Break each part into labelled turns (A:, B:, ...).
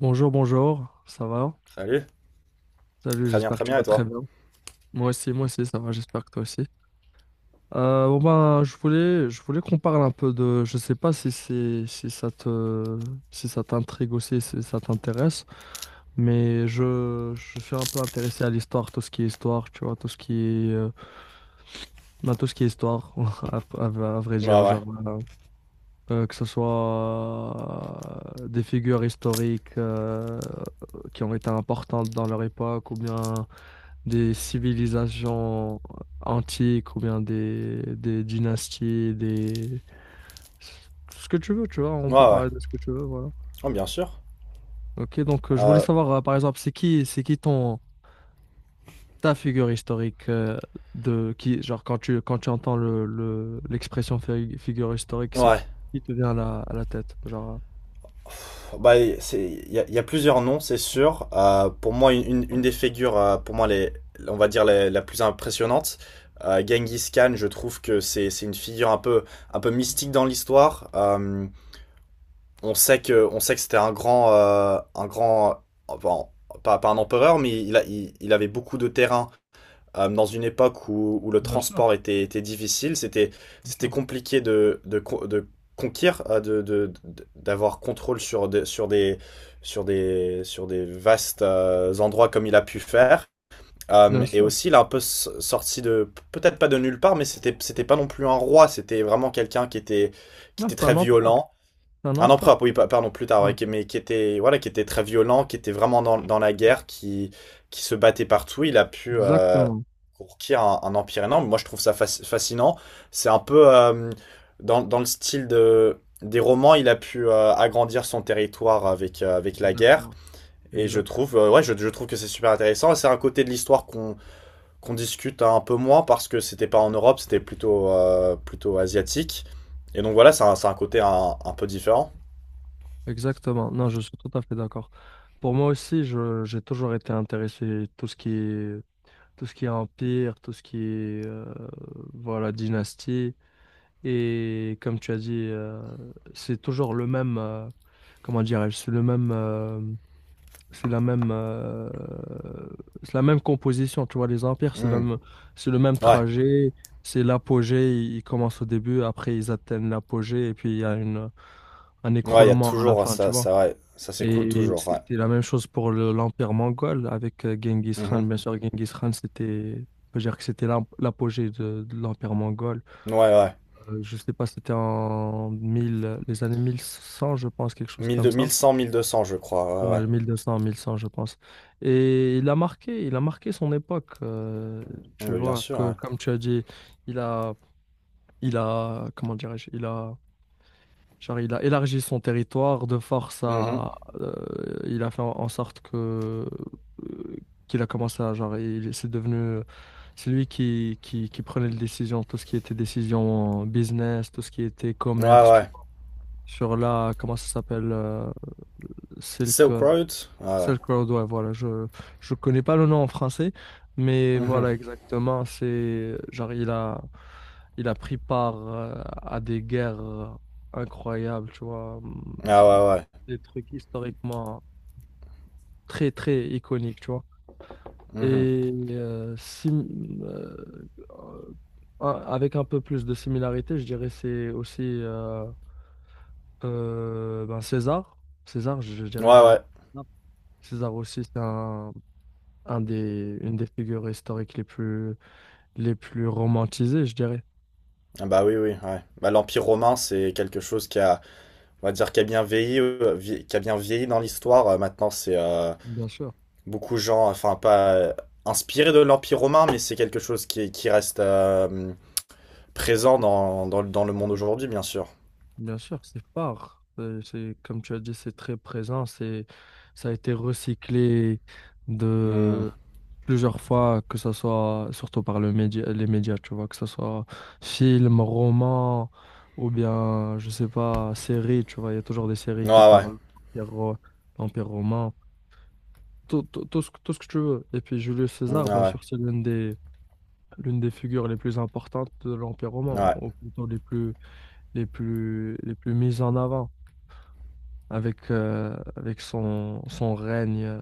A: Bonjour, bonjour, ça va?
B: Salut.
A: Salut, j'espère que
B: Très
A: tu
B: bien, et
A: vas très
B: toi?
A: bien. Moi aussi, ça va, j'espère que toi aussi. Je voulais qu'on parle un peu de, je sais pas si c'est, si ça te, si ça t'intrigue aussi, si ça t'intéresse, mais je suis un peu intéressé à l'histoire, tout ce qui est histoire, tu vois, tout ce qui est, ben, tout ce qui est histoire, à, à vrai
B: Ouais,
A: dire,
B: ouais.
A: genre, que ce soit des figures historiques qui ont été importantes dans leur époque ou bien des civilisations antiques ou bien des dynasties, des... Ce que tu veux, tu vois, on peut
B: Ouais, ouais.
A: parler de ce que tu veux, voilà.
B: Oh, bien sûr.
A: Ok, donc je voulais
B: Euh,
A: savoir, par exemple, c'est qui ton, ta figure historique de qui, genre quand tu entends l'expression figure historique, c'est
B: ouais.
A: qui te vient à la tête, genre.
B: Bah, il y a plusieurs noms, c'est sûr. Pour moi, une des figures, pour moi, les, on va dire les- la plus impressionnante, Genghis Khan, je trouve que c'est une figure un peu mystique dans l'histoire. On sait que c'était un grand, enfin, pas un empereur, mais il avait beaucoup de terrain dans une époque où le
A: Bien sûr,
B: transport était difficile, c'était,
A: bien
B: c'était
A: sûr,
B: compliqué de conquérir, d'avoir contrôle sur des vastes endroits comme il a pu faire.
A: bien
B: Et
A: sûr.
B: aussi, il a un peu sorti de, peut-être pas de nulle part, mais c'était pas non plus un roi, c'était vraiment quelqu'un qui était, qui
A: Non,
B: était
A: c'est un
B: très
A: empereur,
B: violent.
A: c'est un
B: Un
A: empereur.
B: empereur, oui, pardon, plus tard,
A: Ouais,
B: ouais, mais qui était, voilà, qui était très violent, qui était vraiment dans la guerre, qui se battait partout. Il a pu
A: exactement,
B: conquérir un empire énorme. Moi, je trouve ça fascinant. C'est un peu dans le style de, des romans, il a pu agrandir son territoire avec, avec la guerre.
A: exactement,
B: Et je trouve,
A: exactement.
B: ouais, je trouve que c'est super intéressant. Et c'est un côté de l'histoire qu'on discute un peu moins parce que c'était pas en Europe, c'était plutôt, plutôt asiatique. Et donc voilà, c'est un côté un peu différent.
A: Exactement. Non, je suis tout à fait d'accord. Pour moi aussi, je, j'ai toujours été intéressé tout ce qui est, tout ce qui est empire, tout ce qui est voilà, dynastie. Et comme tu as dit, c'est toujours le même, comment dirais-je, c'est le même, c'est la même, c'est la même composition. Tu vois, les empires,
B: Hmm.
A: c'est le même
B: Ouais,
A: trajet, c'est l'apogée. Ils commencent au début, après ils atteignent l'apogée, et puis il y a une, un
B: ouais, il y a
A: écroulement à la
B: toujours
A: fin, tu
B: ça,
A: vois.
B: ça, ouais. Ça s'écoule
A: Et
B: toujours, ouais.
A: c'était la même chose pour l'Empire mongol avec Genghis Khan.
B: Mhm.
A: Bien sûr, Genghis Khan, c'était, on peut dire que c'était l'apogée de l'Empire mongol.
B: Ouais, ouais.
A: Je sais pas, c'était en 1000 les années 1100 je pense, quelque chose comme
B: Mille
A: ça.
B: cent 1200 je crois, ouais,
A: Ouais, 1200, 1100 je pense. Et il a marqué son époque.
B: ouais.
A: Tu
B: Ouais, bien
A: vois,
B: sûr,
A: que,
B: ouais.
A: comme tu as dit, il a, il a, comment dirais-je, il a genre, il a élargi son territoire de force
B: Mhm.
A: à. euh, il a fait en en sorte que. euh, qu'il a commencé à. Genre, il, c'est devenu. C'est lui qui prenait les décisions, tout ce qui était décision business, tout ce qui était
B: Ouais,
A: commerce, tu
B: ouais.
A: vois. Sur la. Comment ça s'appelle Silk,
B: Silk Road? Ouais, ouais.
A: Silk Road, ouais, voilà. Je connais pas le nom en français, mais
B: Mhm.
A: voilà, exactement. C'est. Genre, il a. Il a pris part à des guerres incroyables, tu vois
B: Ah, ouais, ouais.
A: des trucs historiquement très, très iconiques, tu vois.
B: Mhm.
A: Et si, euh, avec un peu plus de similarité, je dirais c'est aussi ben César. César, je, dirais,
B: Ouais, ouais.
A: Non. César aussi, c'est un des, une des figures historiques les plus romantisées, je dirais.
B: Ah, bah oui, oui, ouais. Bah, l'Empire romain, c'est quelque chose qui a, on va dire, qui a bien vieilli, qui a bien vieilli dans l'histoire. Maintenant, c'est
A: Bien sûr.
B: beaucoup de gens, enfin, pas inspirés de l'Empire romain, mais c'est quelque chose qui reste présent dans le monde aujourd'hui, bien sûr.
A: Bien sûr, c'est fort. C'est, comme tu as dit, c'est très présent. C'est, ça a été recyclé
B: Mm.
A: de plusieurs fois, que ce soit surtout par le média, les médias, tu vois, que ce soit film, roman ou bien, je sais pas, série, tu vois, il y a toujours des séries
B: Ouais,
A: qui
B: ouais.
A: parlent de l'Empire romain, tout, tout, tout ce, tout ce que tu veux. Et puis Julius
B: Hmm,
A: César, bien
B: ouais,
A: sûr, c'est l'une des figures les plus importantes de l'Empire romain, ou
B: ouais.
A: plutôt les plus, les plus, les plus mises en avant avec, avec son,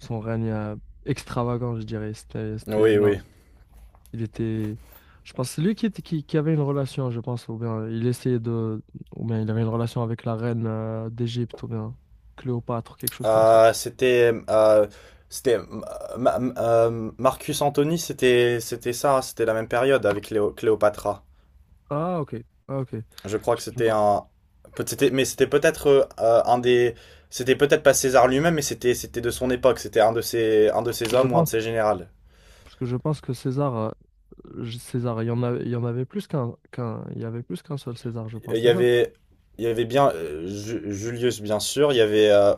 A: son règne extravagant, je dirais. C'était, c'était
B: Oui, oui.
A: il était, je pense, c'est lui qui, qui avait une relation, je pense, ou bien il essayait de, ou bien il avait une relation avec la reine d'Égypte, ou bien Cléopâtre, quelque chose comme ça.
B: Euh, c'était. euh, Marcus Antony, c'était ça, hein, c'était la même période avec Cléopatra.
A: Ah, ok, ah, ok.
B: Je crois que c'était
A: Excuse-moi.
B: un. Peut- c'était- Mais c'était peut-être un des. C'était peut-être pas César lui-même, mais c'était de son époque. C'était un de ses
A: Je vois. Je
B: hommes ou un de
A: pense,
B: ses générales.
A: parce que je pense que César, César, il y en avait, il y en avait plus qu'un, qu'un, il y avait plus qu'un seul César, je
B: Il
A: pense,
B: y
A: c'est ça?
B: avait, il y avait bien Julius, bien sûr. Il y avait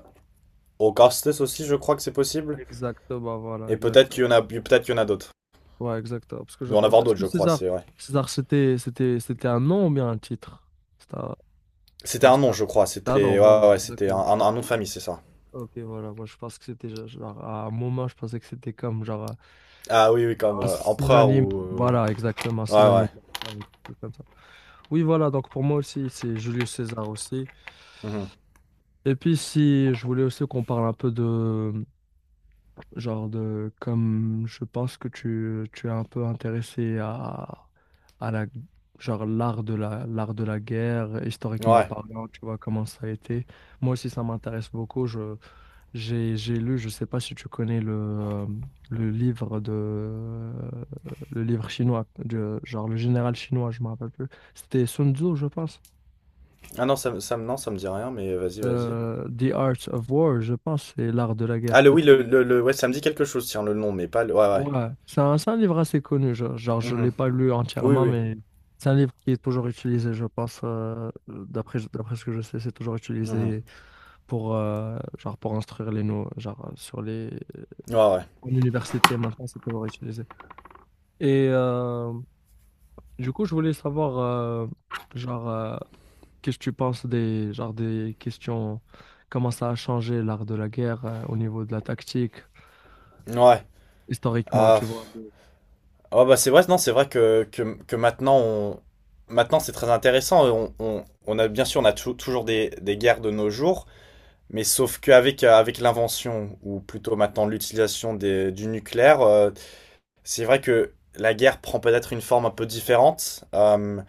B: Augustus aussi, je crois que c'est possible.
A: Exactement, voilà,
B: Et
A: exact.
B: peut-être qu'il y en a d'autres.
A: Ouais, exact. Parce que
B: Il
A: je
B: doit en
A: pense.
B: avoir
A: Est-ce
B: d'autres,
A: que
B: je crois,
A: César,
B: c'est vrai.
A: César, c'était, c'était, c'était un nom ou bien un titre? C'était un-
B: C'était
A: genre,
B: un
A: c'était
B: nom,
A: un...
B: je crois.
A: Ah non,
B: C'était, ouais,
A: voilà,
B: ouais, ouais, c'était un,
A: exactement.
B: un- un nom de famille, c'est ça.
A: Ok, voilà. Moi, je pense que c'était genre, à un moment, je pensais que c'était comme genre
B: Ah oui, oui, comme
A: un
B: empereur
A: synonyme.
B: ou.
A: Voilà, exactement, un
B: Ouais,
A: synonyme.
B: ouais.
A: Ah oui, c'est comme ça. Oui, voilà. Donc pour moi aussi, c'est Julius César aussi.
B: Mhm.
A: Et puis si je voulais aussi qu'on parle un peu de genre de comme je pense que tu es un peu intéressé à la genre l'art de la guerre, historiquement
B: Ouais.
A: parlant, tu vois comment ça a été. Moi aussi ça m'intéresse beaucoup. Je j'ai lu, je sais pas si tu connais le livre de le livre chinois, de, genre le général chinois, je me rappelle plus. C'était Sun Tzu, je pense.
B: Ah non, non, ça me dit rien, mais vas-y, vas-y.
A: The Art of War, je pense, c'est l'art de la guerre.
B: Ah, le oui, ouais, ça me dit quelque chose, tiens, le nom, mais pas le. Ouais, ouais.
A: Ouais, c'est un livre assez connu. Genre, genre je ne
B: Mhm.
A: l'ai pas lu
B: Oui,
A: entièrement,
B: oui.
A: mais c'est un livre qui est toujours utilisé, je pense. D'après, d'après ce que je sais, c'est toujours
B: Mhm.
A: utilisé pour, genre pour instruire les nouveaux. Genre, sur les...
B: Ouais, ouais.
A: En université, maintenant, c'est toujours utilisé. Et du coup, je voulais savoir, genre, qu'est-ce que tu penses des, genre, des questions, comment ça a changé l'art de la guerre, au niveau de la tactique,
B: Ouais.
A: historiquement,
B: Ah.
A: tu
B: pff.
A: vois.
B: Oh, bah c'est vrai, non, c'est vrai que maintenant on. Maintenant, c'est très intéressant. On a bien sûr, on a toujours des guerres de nos jours. Mais sauf qu'avec avec l'invention, ou plutôt maintenant l'utilisation du nucléaire, c'est vrai que la guerre prend peut-être une forme un peu différente.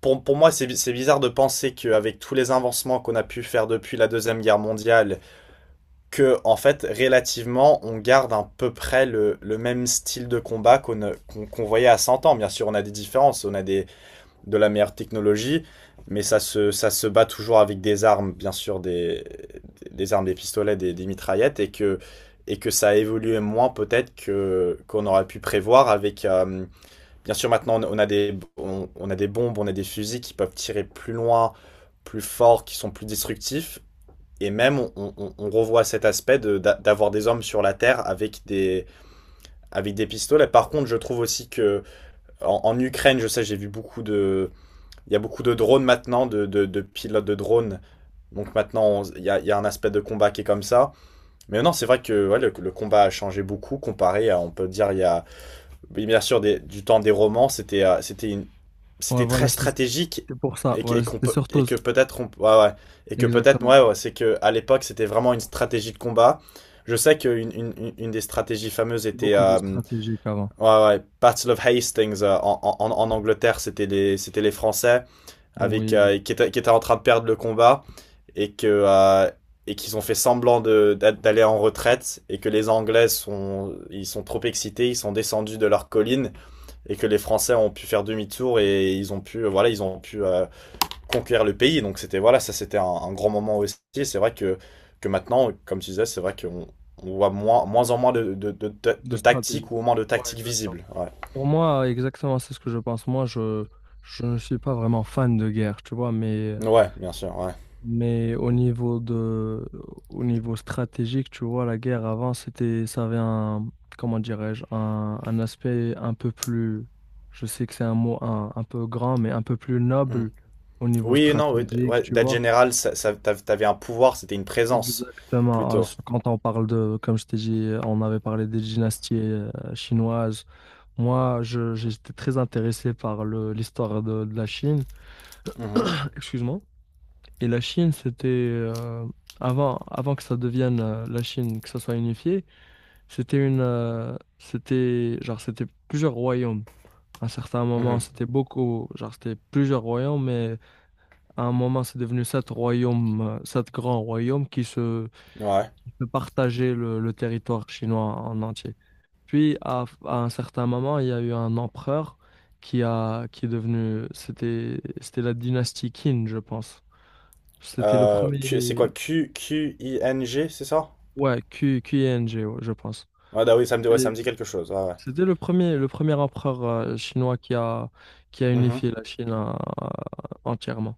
B: pour moi, c'est c'est bizarre de penser qu'avec tous les avancements qu'on a pu faire depuis la Deuxième Guerre mondiale, que en fait, relativement, on garde à peu près le même style de combat qu'on voyait à 100 ans. Bien sûr, on a des différences, on a des, de la meilleure technologie, mais ça se bat toujours avec des armes, bien sûr, des armes, des pistolets, des mitraillettes, et que ça a évolué moins peut-être que, qu'on aurait pu prévoir avec. Bien sûr, maintenant, on a des bombes, on a des fusils qui peuvent tirer plus loin, plus fort, qui sont plus destructifs, et même, on revoit cet aspect d'avoir des hommes sur la terre avec avec des pistolets. Par contre, je trouve aussi que en Ukraine, je sais, j'ai vu beaucoup de, il y a beaucoup de drones maintenant, de, de pilotes de drones. Donc maintenant, y a un aspect de combat qui est comme ça. Mais non, c'est vrai que ouais, le combat a changé beaucoup comparé à, on peut dire, il y a, oui, bien sûr, du temps des romans, c'était
A: Ouais,
B: c'était
A: voilà,
B: très stratégique,
A: c'était pour ça.
B: et, que-
A: Voilà,
B: et qu'on
A: c'était
B: peut-
A: surtout,
B: et que peut-être, on- ouais, ouais. Et que peut-être,
A: exactement.
B: ouais, ouais, c'est que à l'époque, c'était vraiment une stratégie de combat. Je sais qu'une une des stratégies fameuses
A: C'était
B: était
A: beaucoup plus stratégique avant.
B: ouais, ouais, Battle of Hastings en Angleterre, c'était les Français
A: Bon,
B: avec
A: oui,
B: qui était en train de perdre le combat et que et qu'ils ont fait semblant de d'aller en retraite et que les Anglais, sont ils sont trop excités, ils sont descendus de leur colline, et que les Français ont pu faire demi-tour et ils ont pu conquérir le pays. Donc c'était voilà, ça c'était un grand moment aussi. Et c'est vrai que maintenant, comme tu disais, c'est vrai qu'on on voit moins, en moins de de, de, de,
A: de
B: de tactiques,
A: stratégie.
B: ou au moins de
A: Ouais,
B: tactiques
A: exactement.
B: visibles, ouais,
A: Pour moi, exactement, c'est ce que je pense. Moi, je ne suis pas vraiment fan de guerre, tu vois,
B: ouais, bien sûr, ouais.
A: mais au niveau de, au niveau stratégique, tu vois, la guerre avant, c'était, ça avait un, comment dirais-je, un aspect un peu plus, je sais que c'est un mot un peu grand, mais un peu plus
B: Mm.
A: noble au niveau
B: Oui et non, ouais,
A: stratégique,
B: ouais,
A: tu
B: Date
A: vois.
B: General, t'avais un pouvoir, c'était une présence,
A: Exactement. Ah,
B: plutôt.
A: c- quand on parle de, comme je t'ai dit, on avait parlé des dynasties chinoises. Moi, j'étais très intéressé par l'histoire de la Chine.
B: Mhm,
A: Excuse-moi. Et la Chine, c'était avant, avant que ça devienne la Chine, que ça soit unifié, c'était une, c'était genre, c'était plusieurs royaumes. À un certain moment,
B: mhm.
A: c'était beaucoup, genre, c'était plusieurs royaumes, mais à un moment, c'est devenu 7 royaumes, 7 grands royaumes qui se
B: Ouais.
A: de partager le territoire chinois en entier. Puis, à un certain moment, il y a eu un empereur qui a, qui est devenu, c'était, c'était la dynastie Qin, je pense. C'était le
B: C'est
A: premier,
B: quoi? Q, Q-I-N-G, c'est ça?
A: ouais, Q, QING, ouais, je pense.
B: Ouais, bah oui, ça me dit, ouais,
A: Et
B: ça me dit quelque chose. Ouais,
A: c'était le premier empereur chinois qui a
B: ouais. Mhm.
A: unifié la Chine entièrement.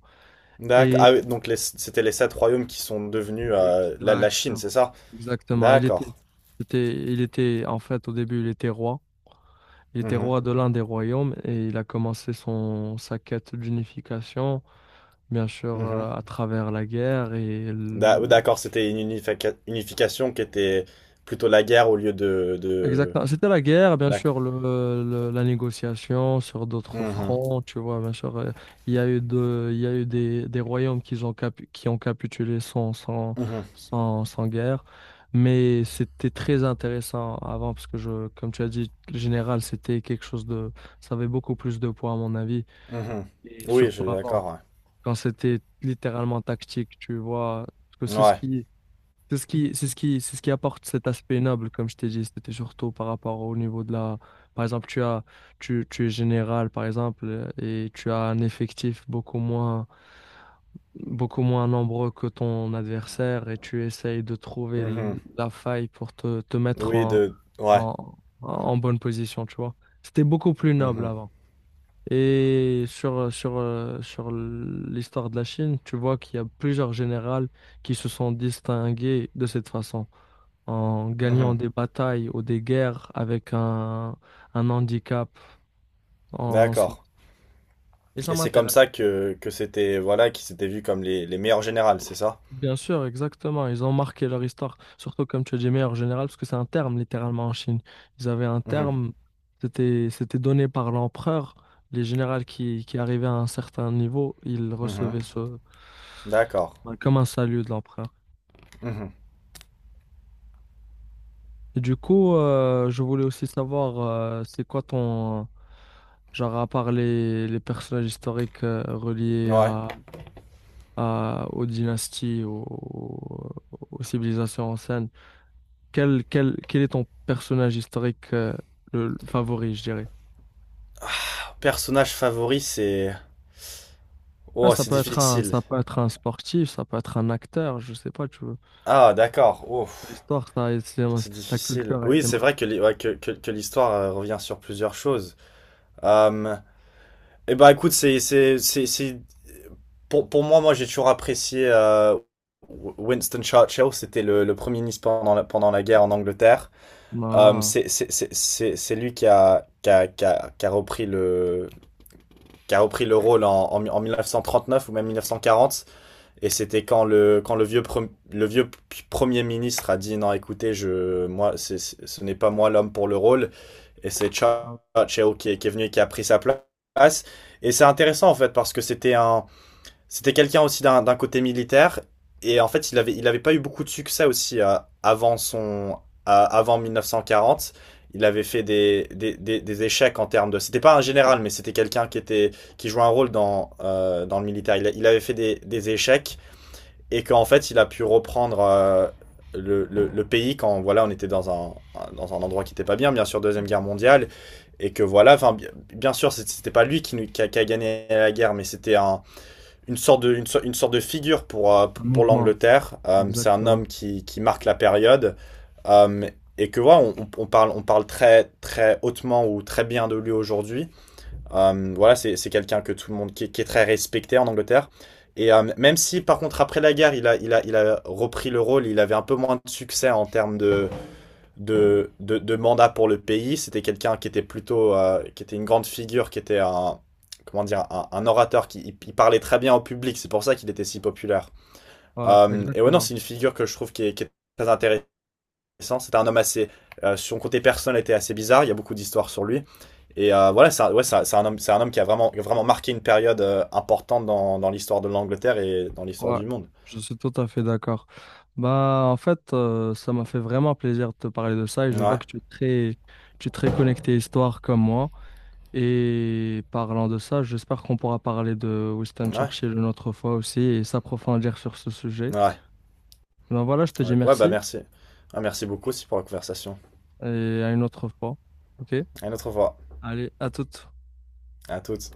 B: D'accord. Ah
A: Et
B: oui, donc c'était les sept royaumes qui sont devenus la Chine, c'est
A: exactement,
B: ça?
A: exactement. Il était,
B: D'accord.
A: c'était, il était, en fait, au début, il était roi. Il était
B: Mhm,
A: roi de l'un des royaumes et il a commencé son, sa quête d'unification, bien sûr,
B: mhm.
A: à travers la guerre et
B: Oui, d'accord, c'était une unification qui était plutôt la guerre au lieu de.
A: exactement. C'était la guerre, bien
B: D'accord.
A: sûr, le, la négociation sur d'autres
B: Mhm,
A: fronts, tu vois, bien sûr. Il y a eu de, il y a eu des royaumes qui ont, qui ont capitulé sans, sans,
B: mhm,
A: sans, sans guerre. Mais c'était très intéressant avant, parce que je, comme tu as dit, le général, c'était quelque chose de, ça avait beaucoup plus de poids, à mon avis,
B: mhm.
A: et
B: Oui, je
A: surtout
B: suis
A: avant.
B: d'accord,
A: Quand c'était littéralement tactique, tu vois. Parce que
B: ouais.
A: c'est ce
B: Ouais.
A: qui, c'est ce qui, c'est ce qui, c'est ce qui apporte cet aspect noble, comme je t'ai dit. C'était surtout par rapport au niveau de la. Par exemple, tu as, tu es général, par exemple, et tu as un effectif beaucoup moins nombreux que ton adversaire, et tu essayes de trouver
B: Mhm.
A: la faille pour te, te mettre
B: Oui,
A: en,
B: de... Ouais.
A: en, en bonne position, tu vois. C'était beaucoup plus noble
B: Mhm.
A: avant. Et sur, sur, sur l'histoire de la Chine, tu vois qu'il y a plusieurs généraux qui se sont distingués de cette façon, en gagnant
B: Mhm.
A: des batailles ou des guerres avec un handicap en soi.
B: D'accord.
A: Et ça
B: Et c'est comme
A: m'intéresse.
B: ça que c'était, voilà, qu'ils s'étaient vus comme les meilleurs générales, c'est ça?
A: Bien sûr, exactement. Ils ont marqué leur histoire, surtout comme tu as dit, meilleur général, parce que c'est un terme littéralement en Chine. Ils avaient un
B: Mhm.
A: terme, c'était c'était donné par l'empereur. Les généraux qui arrivaient à un certain niveau, ils
B: Mhm.
A: recevaient ce
B: D'accord.
A: bah, comme un salut de l'empereur.
B: Mhm.
A: Et du coup, je voulais aussi savoir, c'est quoi ton genre à part les personnages historiques reliés
B: Ouais.
A: à, aux dynasties, aux, aux civilisations anciennes. Quel, quel, quel est ton personnage historique le favori, je dirais?
B: Ah, personnage favori, c'est...
A: Ah,
B: Oh,
A: ça
B: c'est
A: peut être un,
B: difficile.
A: ça peut être un sportif, ça peut être un acteur, je sais pas, tu veux.
B: Ah, d'accord. Ouf.
A: L'histoire, ça,
B: C'est
A: la
B: difficile.
A: culture a
B: Oui,
A: été
B: c'est
A: marquée.
B: vrai que, ouais, que l'histoire revient sur plusieurs choses. Hum, Eh ben écoute, c'est pour moi, j'ai toujours apprécié Winston Churchill. C'était le premier ministre pendant la guerre en Angleterre.
A: Ah,
B: C'est lui qui a qui a qui a, qui a repris le qui a repris le rôle en 1939, ou même 1940. Et c'était quand le vieux premier ministre a dit non, écoutez, je moi, ce n'est pas moi l'homme pour le rôle. Et c'est
A: ah,
B: Churchill qui est venu et qui a pris sa place. Et c'est intéressant en fait parce que c'était c'était quelqu'un aussi d'un côté militaire, et en fait il avait pas eu beaucoup de succès aussi avant son, avant 1940. Il avait fait des échecs en termes de. C'était pas un général, mais c'était quelqu'un qui jouait un rôle dans le militaire. Il avait fait des échecs, et qu'en fait il a pu reprendre pays quand voilà, on était dans un endroit qui n'était pas bien, bien sûr, deuxième guerre mondiale. Et que voilà, enfin, bien sûr c'était pas lui qui a gagné la guerre, mais c'était une sorte de sorte de figure pour
A: un
B: pour
A: mouvement,
B: l'Angleterre. C'est un homme
A: exactement.
B: qui marque la période. Euh, et que voilà, ouais, on parle très très hautement, ou très bien, de lui aujourd'hui. Voilà, c'est quelqu'un que tout le monde qui est très respecté en Angleterre. Et même si, par contre, après la guerre, il a repris le rôle, il avait un peu moins de succès en termes de mandat pour le pays. C'était quelqu'un qui était plutôt, qui était une grande figure, qui était un, comment dire, un orateur qui il parlait très bien au public. C'est pour ça qu'il était si populaire.
A: Ouais,
B: Et ouais, non,
A: exactement.
B: c'est une figure que je trouve qui est très intéressante. C'était un homme assez, son côté personnel était assez bizarre. Il y a beaucoup d'histoires sur lui. Et voilà, c'est un homme qui a vraiment, vraiment marqué une période importante dans l'histoire de l'Angleterre et dans l'histoire
A: Ouais,
B: du monde.
A: je suis tout à fait d'accord. Bah, en fait, ça m'a fait vraiment plaisir de te parler de ça et je vois
B: Ouais,
A: que tu es très connecté histoire comme moi. Et parlant de ça, j'espère qu'on pourra parler de Winston
B: ouais,
A: Churchill une autre fois aussi et s'approfondir sur ce sujet.
B: ouais.
A: Ben voilà, je te dis
B: Ouais, ouais, bah
A: merci
B: merci. Ouais, merci beaucoup aussi pour la conversation.
A: et à une autre fois. OK?
B: À une autre fois.
A: Allez, à toute.
B: À toutes.